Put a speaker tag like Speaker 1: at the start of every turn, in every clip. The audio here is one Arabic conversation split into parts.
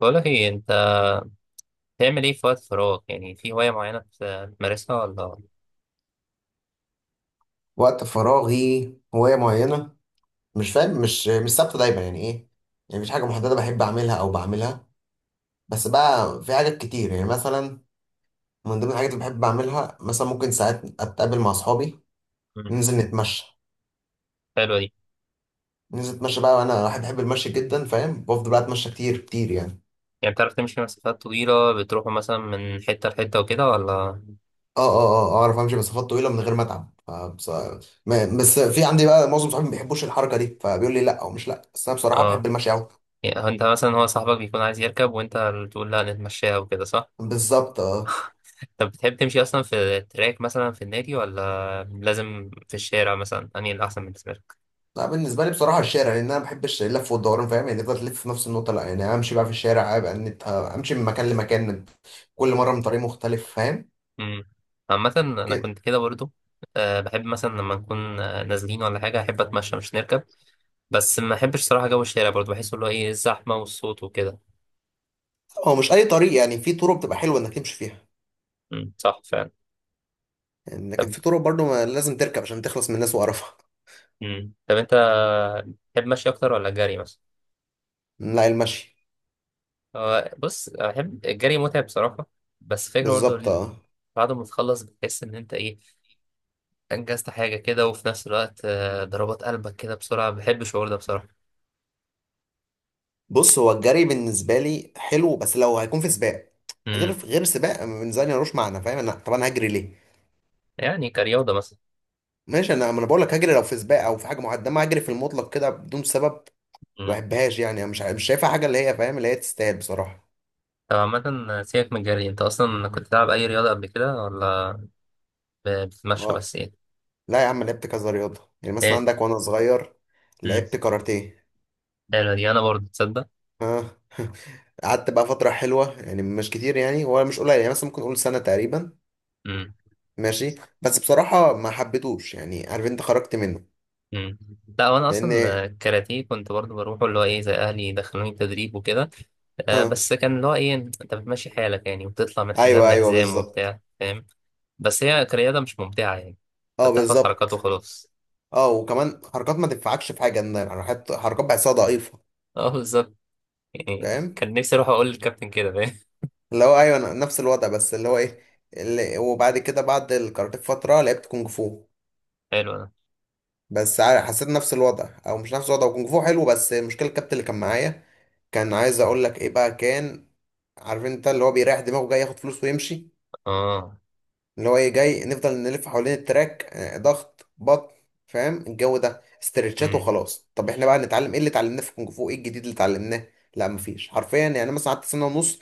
Speaker 1: بقولك ايه انت بتعمل ايه في وقت فراغ؟ يعني في هواية معينة بتمارسها ولا؟
Speaker 2: وقت فراغي هواية معينة، مش فاهم. مش ثابتة دايما، يعني ايه؟ يعني مفيش حاجة محددة بحب أعملها أو بعملها، بس بقى في حاجات كتير. يعني مثلا من ضمن الحاجات اللي بحب أعملها، مثلا ممكن ساعات أتقابل مع أصحابي،
Speaker 1: مم.
Speaker 2: ننزل نتمشى.
Speaker 1: حلوة دي.
Speaker 2: ننزل نتمشى بقى، وأنا واحد بحب المشي جدا، فاهم؟ بفضل بقى أتمشى كتير كتير يعني.
Speaker 1: يعني بتعرف تمشي مسافات طويلة؟ بتروحوا مثلا من حتة لحتة وكده ولا؟
Speaker 2: اه، اه، اه، آه، أعرف أمشي مسافات طويلة من غير ما أتعب. بس في عندي بقى معظم صحابي ما بيحبوش الحركة دي، فبيقول لي لا، أو مش لا، بس أنا بصراحة بحب
Speaker 1: اه.
Speaker 2: المشي أوي.
Speaker 1: يعني هو انت مثلا، هو صاحبك بيكون عايز يركب وانت اللي تقول لا نتمشاها وكده، صح؟
Speaker 2: بالظبط، اه.
Speaker 1: طب بتحب تمشي اصلا في تراك مثلا في النادي ولا لازم في الشارع؟ مثلا انهي الاحسن بالنسبة لك؟
Speaker 2: لا، بالنسبه لي بصراحه الشارع، لان انا ما بحبش اللف والدوران، فاهم يعني؟ تفضل تلف في نفس النقطه، لا، يعني امشي بقى في الشارع، ابقى امشي من مكان لمكان، كل مره من طريق مختلف، فاهم؟
Speaker 1: امم. عامة انا
Speaker 2: كده.
Speaker 1: كنت كده برضو. أه بحب مثلا لما نكون نازلين ولا حاجة أحب أتمشى مش نركب. بس ما احبش صراحة جو الشارع برضه، بحس اللي هو ايه، الزحمة والصوت وكده.
Speaker 2: هو مش اي طريق، يعني في طرق بتبقى حلوه انك تمشي فيها،
Speaker 1: امم، صح فعلا.
Speaker 2: يعني لكن
Speaker 1: طب،
Speaker 2: في طرق برضو ما لازم تركب عشان تخلص من الناس وقرفها.
Speaker 1: امم، طب انت تحب مشي اكتر ولا جري مثلا؟
Speaker 2: لا، المشي.
Speaker 1: هو بص، احب الجري متعب بصراحة. بس فكرة برضه
Speaker 2: بالظبط، اه.
Speaker 1: بعد ما تخلص بتحس ان انت ايه، انجزت حاجة كده، وفي نفس الوقت ضربات قلبك كده بسرعة، بحب الشعور ده بصراحة.
Speaker 2: بص، هو الجري بالنسبه لي حلو، بس لو هيكون في سباق. غير
Speaker 1: امم.
Speaker 2: غير سباق بالنسبه لي ملوش معنى، فاهم؟ انا، طب انا هجري ليه؟
Speaker 1: يعني كرياضة مثلا.
Speaker 2: ماشي، انا، ما انا بقول لك هجري لو في سباق، او في حاجه معينه، ما هجري في المطلق كده بدون سبب. ما
Speaker 1: امم.
Speaker 2: بحبهاش يعني، أنا مش شايفها حاجه، اللي هي فاهم، اللي هي تستاهل بصراحه.
Speaker 1: طب عامة سيبك من الجري، انت اصلا كنت بتلعب اي رياضة قبل كده ولا بتتمشى
Speaker 2: اه.
Speaker 1: بس؟ ايه.
Speaker 2: لا يا عم، لعبت كذا رياضه، يعني مثلا
Speaker 1: ايه.
Speaker 2: عندك وانا صغير
Speaker 1: امم.
Speaker 2: لعبت كاراتيه.
Speaker 1: حلوة دي، انا برضه تصدق.
Speaker 2: اه. قعدت بقى فتره حلوه، يعني مش كتير، يعني هو مش قليل، يعني مثلا ممكن اقول سنه تقريبا.
Speaker 1: مم.
Speaker 2: ماشي. بس بصراحه ما حبيتهوش، يعني عارف انت، خرجت منه.
Speaker 1: مم. لا وانا
Speaker 2: لان.
Speaker 1: اصلا كاراتيه كنت برضو بروحه، اللي هو ايه، زي اهلي دخلوني تدريب وكده.
Speaker 2: اه.
Speaker 1: بس كان اللي هو ايه، انت بتمشي حالك يعني وبتطلع من حزام
Speaker 2: ايوه، ايوه،
Speaker 1: لحزام
Speaker 2: بالظبط.
Speaker 1: وبتاع، فاهم؟ بس هي كرياضه مش ممتعه يعني. انت
Speaker 2: اه،
Speaker 1: بتحفظ حركات
Speaker 2: بالظبط.
Speaker 1: وخلاص.
Speaker 2: اه، وكمان حركات ما تنفعكش في حاجه، إن حركات بحسها ضعيفه.
Speaker 1: اه بالظبط. يعني
Speaker 2: فاهم،
Speaker 1: كان نفسي اروح اقول للكابتن كده، فاهم؟
Speaker 2: اللي هو ايوه، أنا نفس الوضع، بس اللي هو ايه، اللي وبعد كده بعد الكاراتيه بفتره لعبت كونج فو.
Speaker 1: حلو ده.
Speaker 2: بس حسيت نفس الوضع، او مش نفس الوضع، كونج فو حلو، بس المشكله الكابتن اللي كان معايا كان عايز اقول لك ايه بقى، كان عارف انت اللي هو بيريح دماغه، جاي ياخد فلوس ويمشي.
Speaker 1: اه.
Speaker 2: اللي هو ايه، جاي نفضل نلف حوالين التراك، ضغط بطن، فاهم الجو ده، استرتشات
Speaker 1: امم.
Speaker 2: وخلاص. طب احنا بقى نتعلم ايه؟ اللي اتعلمناه في الكونج فو ايه الجديد اللي اتعلمناه؟ لا مفيش حرفيا، يعني مثلا قعدت سنه ونص،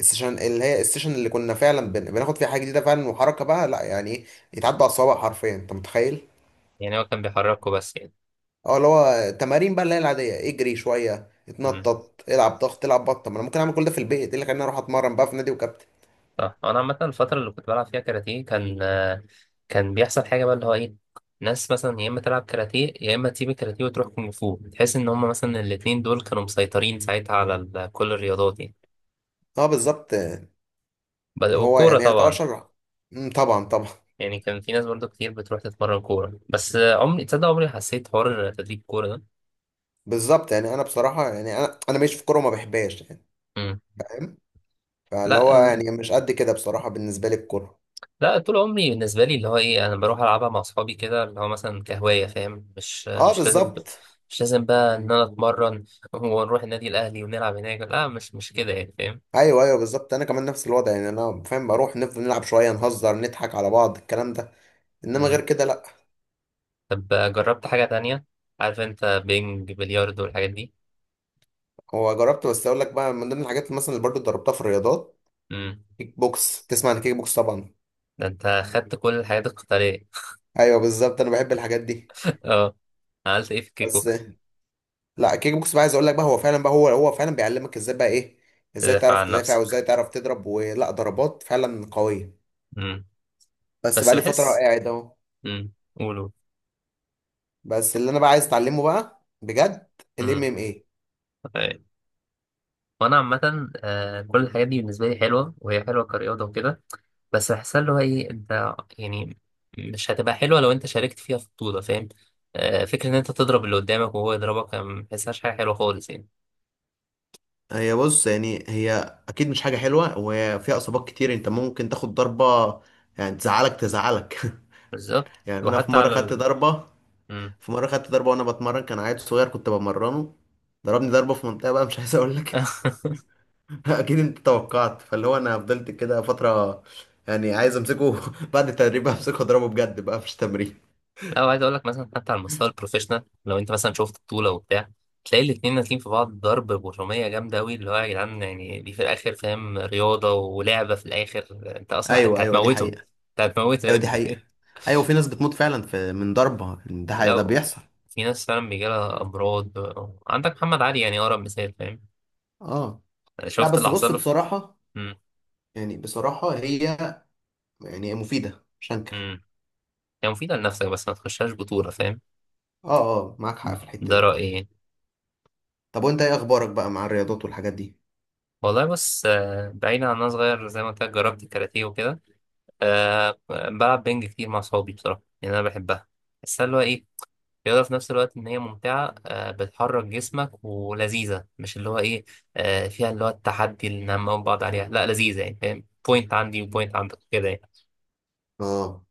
Speaker 2: السيشن اللي هي السيشن اللي كنا فعلا بناخد فيها حاجه جديده فعلا وحركه بقى، لا يعني ايه، يتعدى على الصوابع حرفيا، انت متخيل؟
Speaker 1: يعني هو كان بيحركه بس يعني.
Speaker 2: اه، اللي هو تمارين بقى، اللي هي العاديه، اجري شويه، اتنطط، العب ضغط، العب بطن. طب ما انا ممكن اعمل كل ده في البيت، ايه اللي خلاني اروح اتمرن بقى في نادي وكابتن؟
Speaker 1: صح. انا عامه الفتره اللي كنت بلعب فيها كاراتيه كان. كان بيحصل حاجه بقى اللي هو ايه، ناس مثلا يا اما تلعب كاراتيه يا اما تسيب الكاراتيه وتروح كونغ فو. تحس ان هم مثلا الاتنين دول كانوا مسيطرين ساعتها على كل الرياضات يعني.
Speaker 2: اه بالظبط، آه. هو
Speaker 1: والكوره
Speaker 2: يعني يعتبر
Speaker 1: طبعا.
Speaker 2: شجره. مم، طبعا طبعا.
Speaker 1: يعني كان في ناس برضو كتير بتروح تتمرن كوره. بس عمري تصدق، عمري حسيت حوار تدريب الكوره ده.
Speaker 2: بالظبط، يعني انا بصراحه، يعني انا ماشي في الكوره وما بحبهاش يعني،
Speaker 1: مم.
Speaker 2: فاهم. فاللي
Speaker 1: لا،
Speaker 2: هو يعني مش قد كده بصراحه بالنسبه لي الكوره.
Speaker 1: لا طول عمري بالنسبه لي اللي هو ايه، انا بروح العبها مع اصحابي كده، اللي هو مثلا كهوايه، فاهم؟ مش
Speaker 2: اه
Speaker 1: مش لازم.
Speaker 2: بالظبط.
Speaker 1: مش لازم بقى ان انا اتمرن ونروح النادي الاهلي ونلعب هناك. لا، مش كده يعني، فاهم؟
Speaker 2: ايوه، ايوه بالظبط، انا كمان نفس الوضع، يعني انا فاهم، بروح نفضل نلعب شويه، نهزر، نضحك على بعض، الكلام ده، انما غير
Speaker 1: مم.
Speaker 2: كده لا.
Speaker 1: طب جربت حاجه تانية؟ عارف انت، بينج، بلياردو، والحاجات دي.
Speaker 2: هو جربت، بس اقول لك بقى من ضمن الحاجات اللي مثلا، اللي برضه اتدربتها في الرياضات،
Speaker 1: امم.
Speaker 2: كيك بوكس. تسمع عن كيك بوكس طبعا.
Speaker 1: ده انت خدت كل الحاجات القتاليه.
Speaker 2: ايوه بالظبط، انا بحب الحاجات دي.
Speaker 1: اه. عملت ايه في الكيك
Speaker 2: بس.
Speaker 1: بوكس؟
Speaker 2: لا، كيك بوكس بقى عايز اقول لك بقى، هو فعلا بقى، هو فعلا بيعلمك ازاي بقى ايه، ازاي
Speaker 1: تدافع
Speaker 2: تعرف
Speaker 1: عن
Speaker 2: تدافع،
Speaker 1: نفسك.
Speaker 2: وازاي تعرف تضرب، ولا ضربات فعلا قويه.
Speaker 1: امم.
Speaker 2: بس بقى
Speaker 1: بس
Speaker 2: لي فتره
Speaker 1: بحس.
Speaker 2: قاعد اهو.
Speaker 1: امم، قولوا.
Speaker 2: بس اللي انا بقى عايز اتعلمه بقى بجد، الام
Speaker 1: امم،
Speaker 2: ام اي
Speaker 1: وانا عامه كل الحاجات دي بالنسبه لي حلوه، وهي حلوه كرياضه وكده. بس بحسها اللي هو ايه، انت يعني مش هتبقى حلوه لو انت شاركت فيها في بطوله، فاهم؟ فكره ان انت تضرب اللي قدامك وهو يضربك، أنا ما بحسهاش حاجه حلوه خالص يعني.
Speaker 2: هي بص، يعني هي اكيد مش حاجه حلوه، وفيها اصابات كتير، انت ممكن تاخد ضربه، يعني تزعلك، تزعلك.
Speaker 1: بالظبط.
Speaker 2: يعني انا في
Speaker 1: وحتى
Speaker 2: مره
Speaker 1: على
Speaker 2: خدت
Speaker 1: ال...
Speaker 2: ضربه،
Speaker 1: مم.
Speaker 2: في مره خدت ضربه وانا بتمرن، كان عيل صغير كنت بمرنه، ضربني ضربه في منطقه بقى مش عايز اقول لك. اكيد انت توقعت، فاللي هو انا فضلت كده فتره، يعني عايز امسكه بعد التدريب، امسكه اضربه بجد بقى مش تمرين.
Speaker 1: لا، وعايز اقول لك مثلا حتى على المستوى البروفيشنال، لو انت مثلا شفت بطوله وبتاع، تلاقي الاتنين نازلين في بعض ضرب برمية جامدة أوي، اللي هو يا جدعان يعني دي في الآخر، فاهم؟ رياضة ولعبة في الآخر. أنت أصلا أنت
Speaker 2: ايوه، ايوه، دي
Speaker 1: هتموته.
Speaker 2: حقيقه.
Speaker 1: أنت هتموته يا
Speaker 2: ايوه دي
Speaker 1: ابني.
Speaker 2: حقيقة، ايوه في ناس بتموت فعلا في من ضربة، ده حقيقة، ده
Speaker 1: لو
Speaker 2: بيحصل.
Speaker 1: في ناس فعلا بيجيلها أمراض. عندك محمد علي يعني أقرب مثال، فاهم؟
Speaker 2: اه. لا
Speaker 1: شفت اللي
Speaker 2: بس
Speaker 1: حصل
Speaker 2: بص،
Speaker 1: له في.
Speaker 2: بصراحة
Speaker 1: مم.
Speaker 2: يعني، بصراحة هي، يعني هي مفيدة، مش هنكر.
Speaker 1: مم. هي مفيدة لنفسك بس ما تخشهاش بطولة، فاهم؟
Speaker 2: اه. اه، معاك حق في الحتة
Speaker 1: ده
Speaker 2: دي.
Speaker 1: رأيي يعني.
Speaker 2: طب وانت ايه اخبارك بقى مع الرياضات والحاجات دي؟
Speaker 1: والله بص، بعيدا عن أنا صغير زي ما قلت لك جربت الكاراتيه وكده، أه بلعب بينج كتير مع صحابي بصراحة لأن أنا بحبها. بس اللي هو إيه، رياضة في نفس الوقت إن هي ممتعة، أه بتحرك جسمك ولذيذة، مش اللي هو إيه، أه فيها اللي هو التحدي اللي نعمل بعض عليها. لا، لذيذة يعني، فاهم؟ بوينت عندي وبوينت عندك كده يعني.
Speaker 2: اه،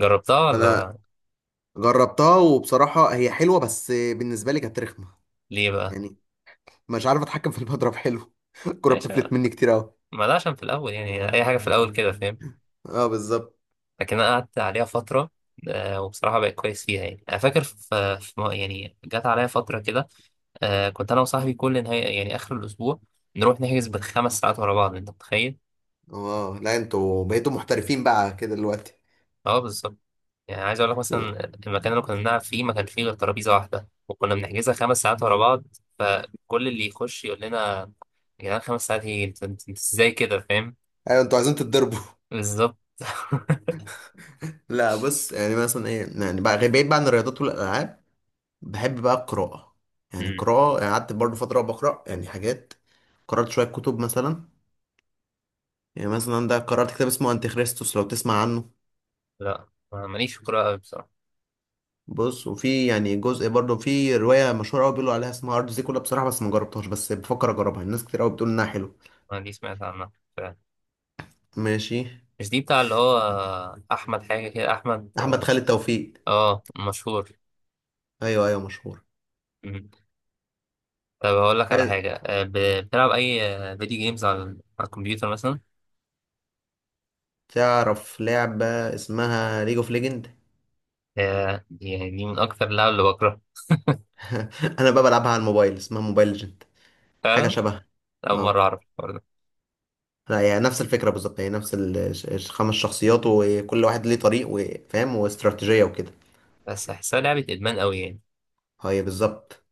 Speaker 1: جربتها
Speaker 2: انا
Speaker 1: ولا؟
Speaker 2: جربتها، وبصراحة هي حلوة، بس بالنسبة لي كانت رخمة.
Speaker 1: ليه بقى؟
Speaker 2: يعني مش عارف اتحكم في المضرب حلو. الكرة
Speaker 1: ماشي.
Speaker 2: بتفلت مني كتير اوي.
Speaker 1: ما ده عشان في الاول يعني، اي حاجه في الاول كده، فاهم؟
Speaker 2: اه بالظبط.
Speaker 1: لكن انا قعدت عليها فتره، وبصراحه بقيت كويس فيها يعني. انا فاكر يعني جت عليا فتره كده، كنت انا وصاحبي كل نهايه يعني اخر الاسبوع نروح نحجز بالخمس ساعات ورا بعض، انت متخيل؟
Speaker 2: اه لا، انتوا بقيتوا محترفين بقى كده دلوقتي.
Speaker 1: اه بالظبط. يعني عايز اقول لك مثلا المكان اللي كنا بنلعب فيه ما كان فيه غير ترابيزه واحده، وكنا بنحجزها 5 ساعات ورا بعض. فكل اللي يخش يقول لنا، يا جدعان 5 ساعات ايه، انت ازاي كده، فاهم؟
Speaker 2: ايوه انتوا عايزين تتضربوا.
Speaker 1: بالظبط.
Speaker 2: لا بص، يعني مثلا ايه يعني بقى، بعيد بقى عن الرياضات والالعاب، بحب بقى القراءه، يعني القراءه، يعني قعدت برضه فتره بقرا يعني حاجات، قرات شويه كتب مثلا. يعني مثلا ده قرات كتاب اسمه انتي خريستوس، لو تسمع عنه.
Speaker 1: لا أنا ماليش في الكورة أوي بصراحة.
Speaker 2: بص، وفي يعني جزء برضه، في روايه مشهوره قوي بيقولوا عليها اسمها ارض زيكولا بصراحه، بس ما جربتهاش، بس بفكر اجربها، الناس كتير قوي بتقول انها حلو.
Speaker 1: أنا دي سمعت عنها فعلا.
Speaker 2: ماشي.
Speaker 1: مش دي بتاع اللي هو، أحمد حاجة كده، أحمد.
Speaker 2: احمد خالد توفيق.
Speaker 1: آه، مشهور.
Speaker 2: ايوه، ايوه مشهور.
Speaker 1: مم. طب هقول لك على
Speaker 2: عايز
Speaker 1: حاجة. بتلعب أي فيديو جيمز على على الكمبيوتر مثلا؟
Speaker 2: تعرف لعبه اسمها ليج اوف ليجند؟
Speaker 1: دي، يعني من أكتر اللعب اللي بكرهها.
Speaker 2: انا بقى بلعبها على الموبايل، اسمها موبايل ليجند. حاجة
Speaker 1: فعلا.
Speaker 2: شبه.
Speaker 1: أول مرة
Speaker 2: اه
Speaker 1: أعرف الحوار ده.
Speaker 2: لا، هي نفس الفكرة بالظبط، هي نفس الخمس شخصيات، وكل واحد ليه طريق، وفاهم، واستراتيجية وكده.
Speaker 1: بس أحسها لعبة إدمان أوي يعني.
Speaker 2: هي بالظبط،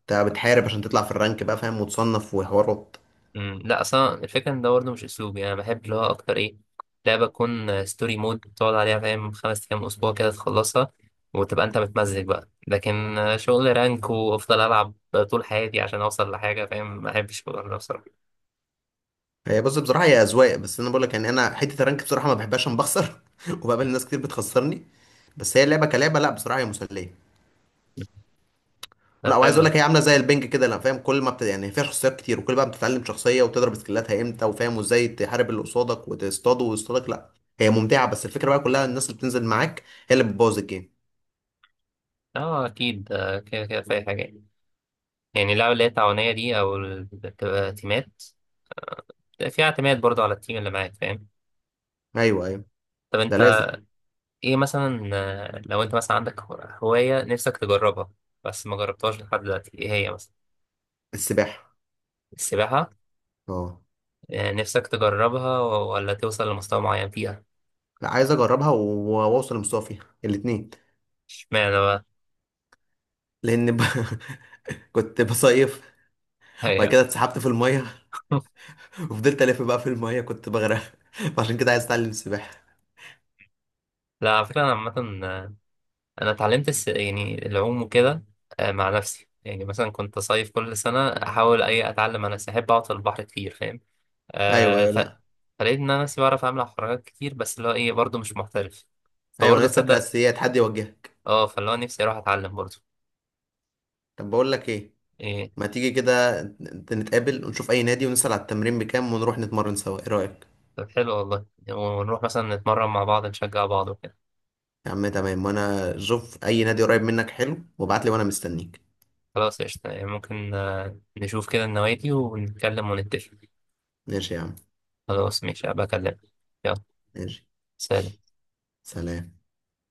Speaker 2: انت بتحارب عشان تطلع في الرانك بقى، فاهم، وتصنف، وحوارات.
Speaker 1: مم. لا اصلا الفكره ان ده برضه مش اسلوبي. انا بحب اللي هو اكتر ايه، لعبه تكون ستوري مود تقعد عليها، فاهم؟ 5 ايام، اسبوع كده، تخلصها وتبقى انت متمزج بقى. لكن شغل رانك وافضل العب طول حياتي عشان اوصل لحاجه، فاهم؟ ما بحبش الشغل ده بصراحه.
Speaker 2: هي بص، بصراحة هي أذواق، بس أنا بقول لك، يعني أنا حتة الرانك بصراحة ما بحبهاش عشان بخسر، وبقابل ناس كتير بتخسرني. بس هي لعبة كلعبة، لا، بصراحة هي مسلية.
Speaker 1: ده
Speaker 2: لا، وعايز
Speaker 1: حلو.
Speaker 2: اقول لك، هي عامله زي البنج كده، لا فاهم، كل ما بت... يعني فيها شخصيات كتير، وكل بقى بتتعلم شخصيه، وتضرب سكيلاتها امتى، وفاهم، وازاي تحارب اللي قصادك وتصطاده ويصطادك، لا، هي ممتعه، بس الفكره بقى كلها الناس اللي بتنزل معاك، هي اللي بتبوظ الجيم.
Speaker 1: اه اكيد. كده كده في اي حاجه يعني. يعني اللعبه اللي هي التعاونيه دي، او اللي بتبقى تيمات، فيها اعتماد برضه على التيم اللي معاك، فاهم؟
Speaker 2: ايوه، ايوه،
Speaker 1: طب
Speaker 2: ده
Speaker 1: انت
Speaker 2: لازم.
Speaker 1: ايه مثلا، لو انت مثلا عندك هواية نفسك تجربها بس ما جربتهاش لحد دلوقتي، ايه هي مثلا؟
Speaker 2: السباحه.
Speaker 1: السباحة.
Speaker 2: اه.
Speaker 1: نفسك تجربها ولا توصل لمستوى معين فيها؟
Speaker 2: لا، عايز اجربها واوصل لمستوى فيها، الاثنين.
Speaker 1: اشمعنى بقى؟
Speaker 2: لان كنت بصيف، وبعد
Speaker 1: هي.
Speaker 2: كده اتسحبت في الميه، وفضلت الف بقى في الميه، كنت بغرق. فعشان كده عايز اتعلم السباحه.
Speaker 1: لا، على فكرة انا عامة، انا اتعلمت يعني العوم وكده. مع نفسي يعني، مثلا كنت صيف كل سنة احاول اي اتعلم. انا احب اقعد في البحر كتير، فاهم؟
Speaker 2: ايوه،
Speaker 1: آه،
Speaker 2: ايوه،
Speaker 1: ف...
Speaker 2: لا.
Speaker 1: فلقيت ان انا نفسي بعرف اعمل حركات كتير، بس اللي هو ايه برضه مش محترف.
Speaker 2: ايوه،
Speaker 1: فبرضه
Speaker 2: ناقص لك
Speaker 1: تصدق.
Speaker 2: الاساسيات، حد يوجهك.
Speaker 1: اه، فاللي هو نفسي اروح اتعلم برضه.
Speaker 2: طب بقول لك ايه، ما تيجي كده نتقابل، ونشوف اي نادي، ونسأل على التمرين بكام، ونروح نتمرن سوا، ايه رأيك؟
Speaker 1: طب حلو والله. ونروح مثلا نتمرن مع بعض، نشجع بعض وكده.
Speaker 2: يا عم تمام، وانا شوف اي نادي قريب منك حلو، وابعت لي وانا مستنيك.
Speaker 1: خلاص قشطة يعني. ممكن نشوف كده النوادي ونتكلم ونتفق.
Speaker 2: ماشي يا عم.
Speaker 1: خلاص ماشي هبقى أكلمك. يلا.
Speaker 2: ماشي.
Speaker 1: سلام.
Speaker 2: سلام.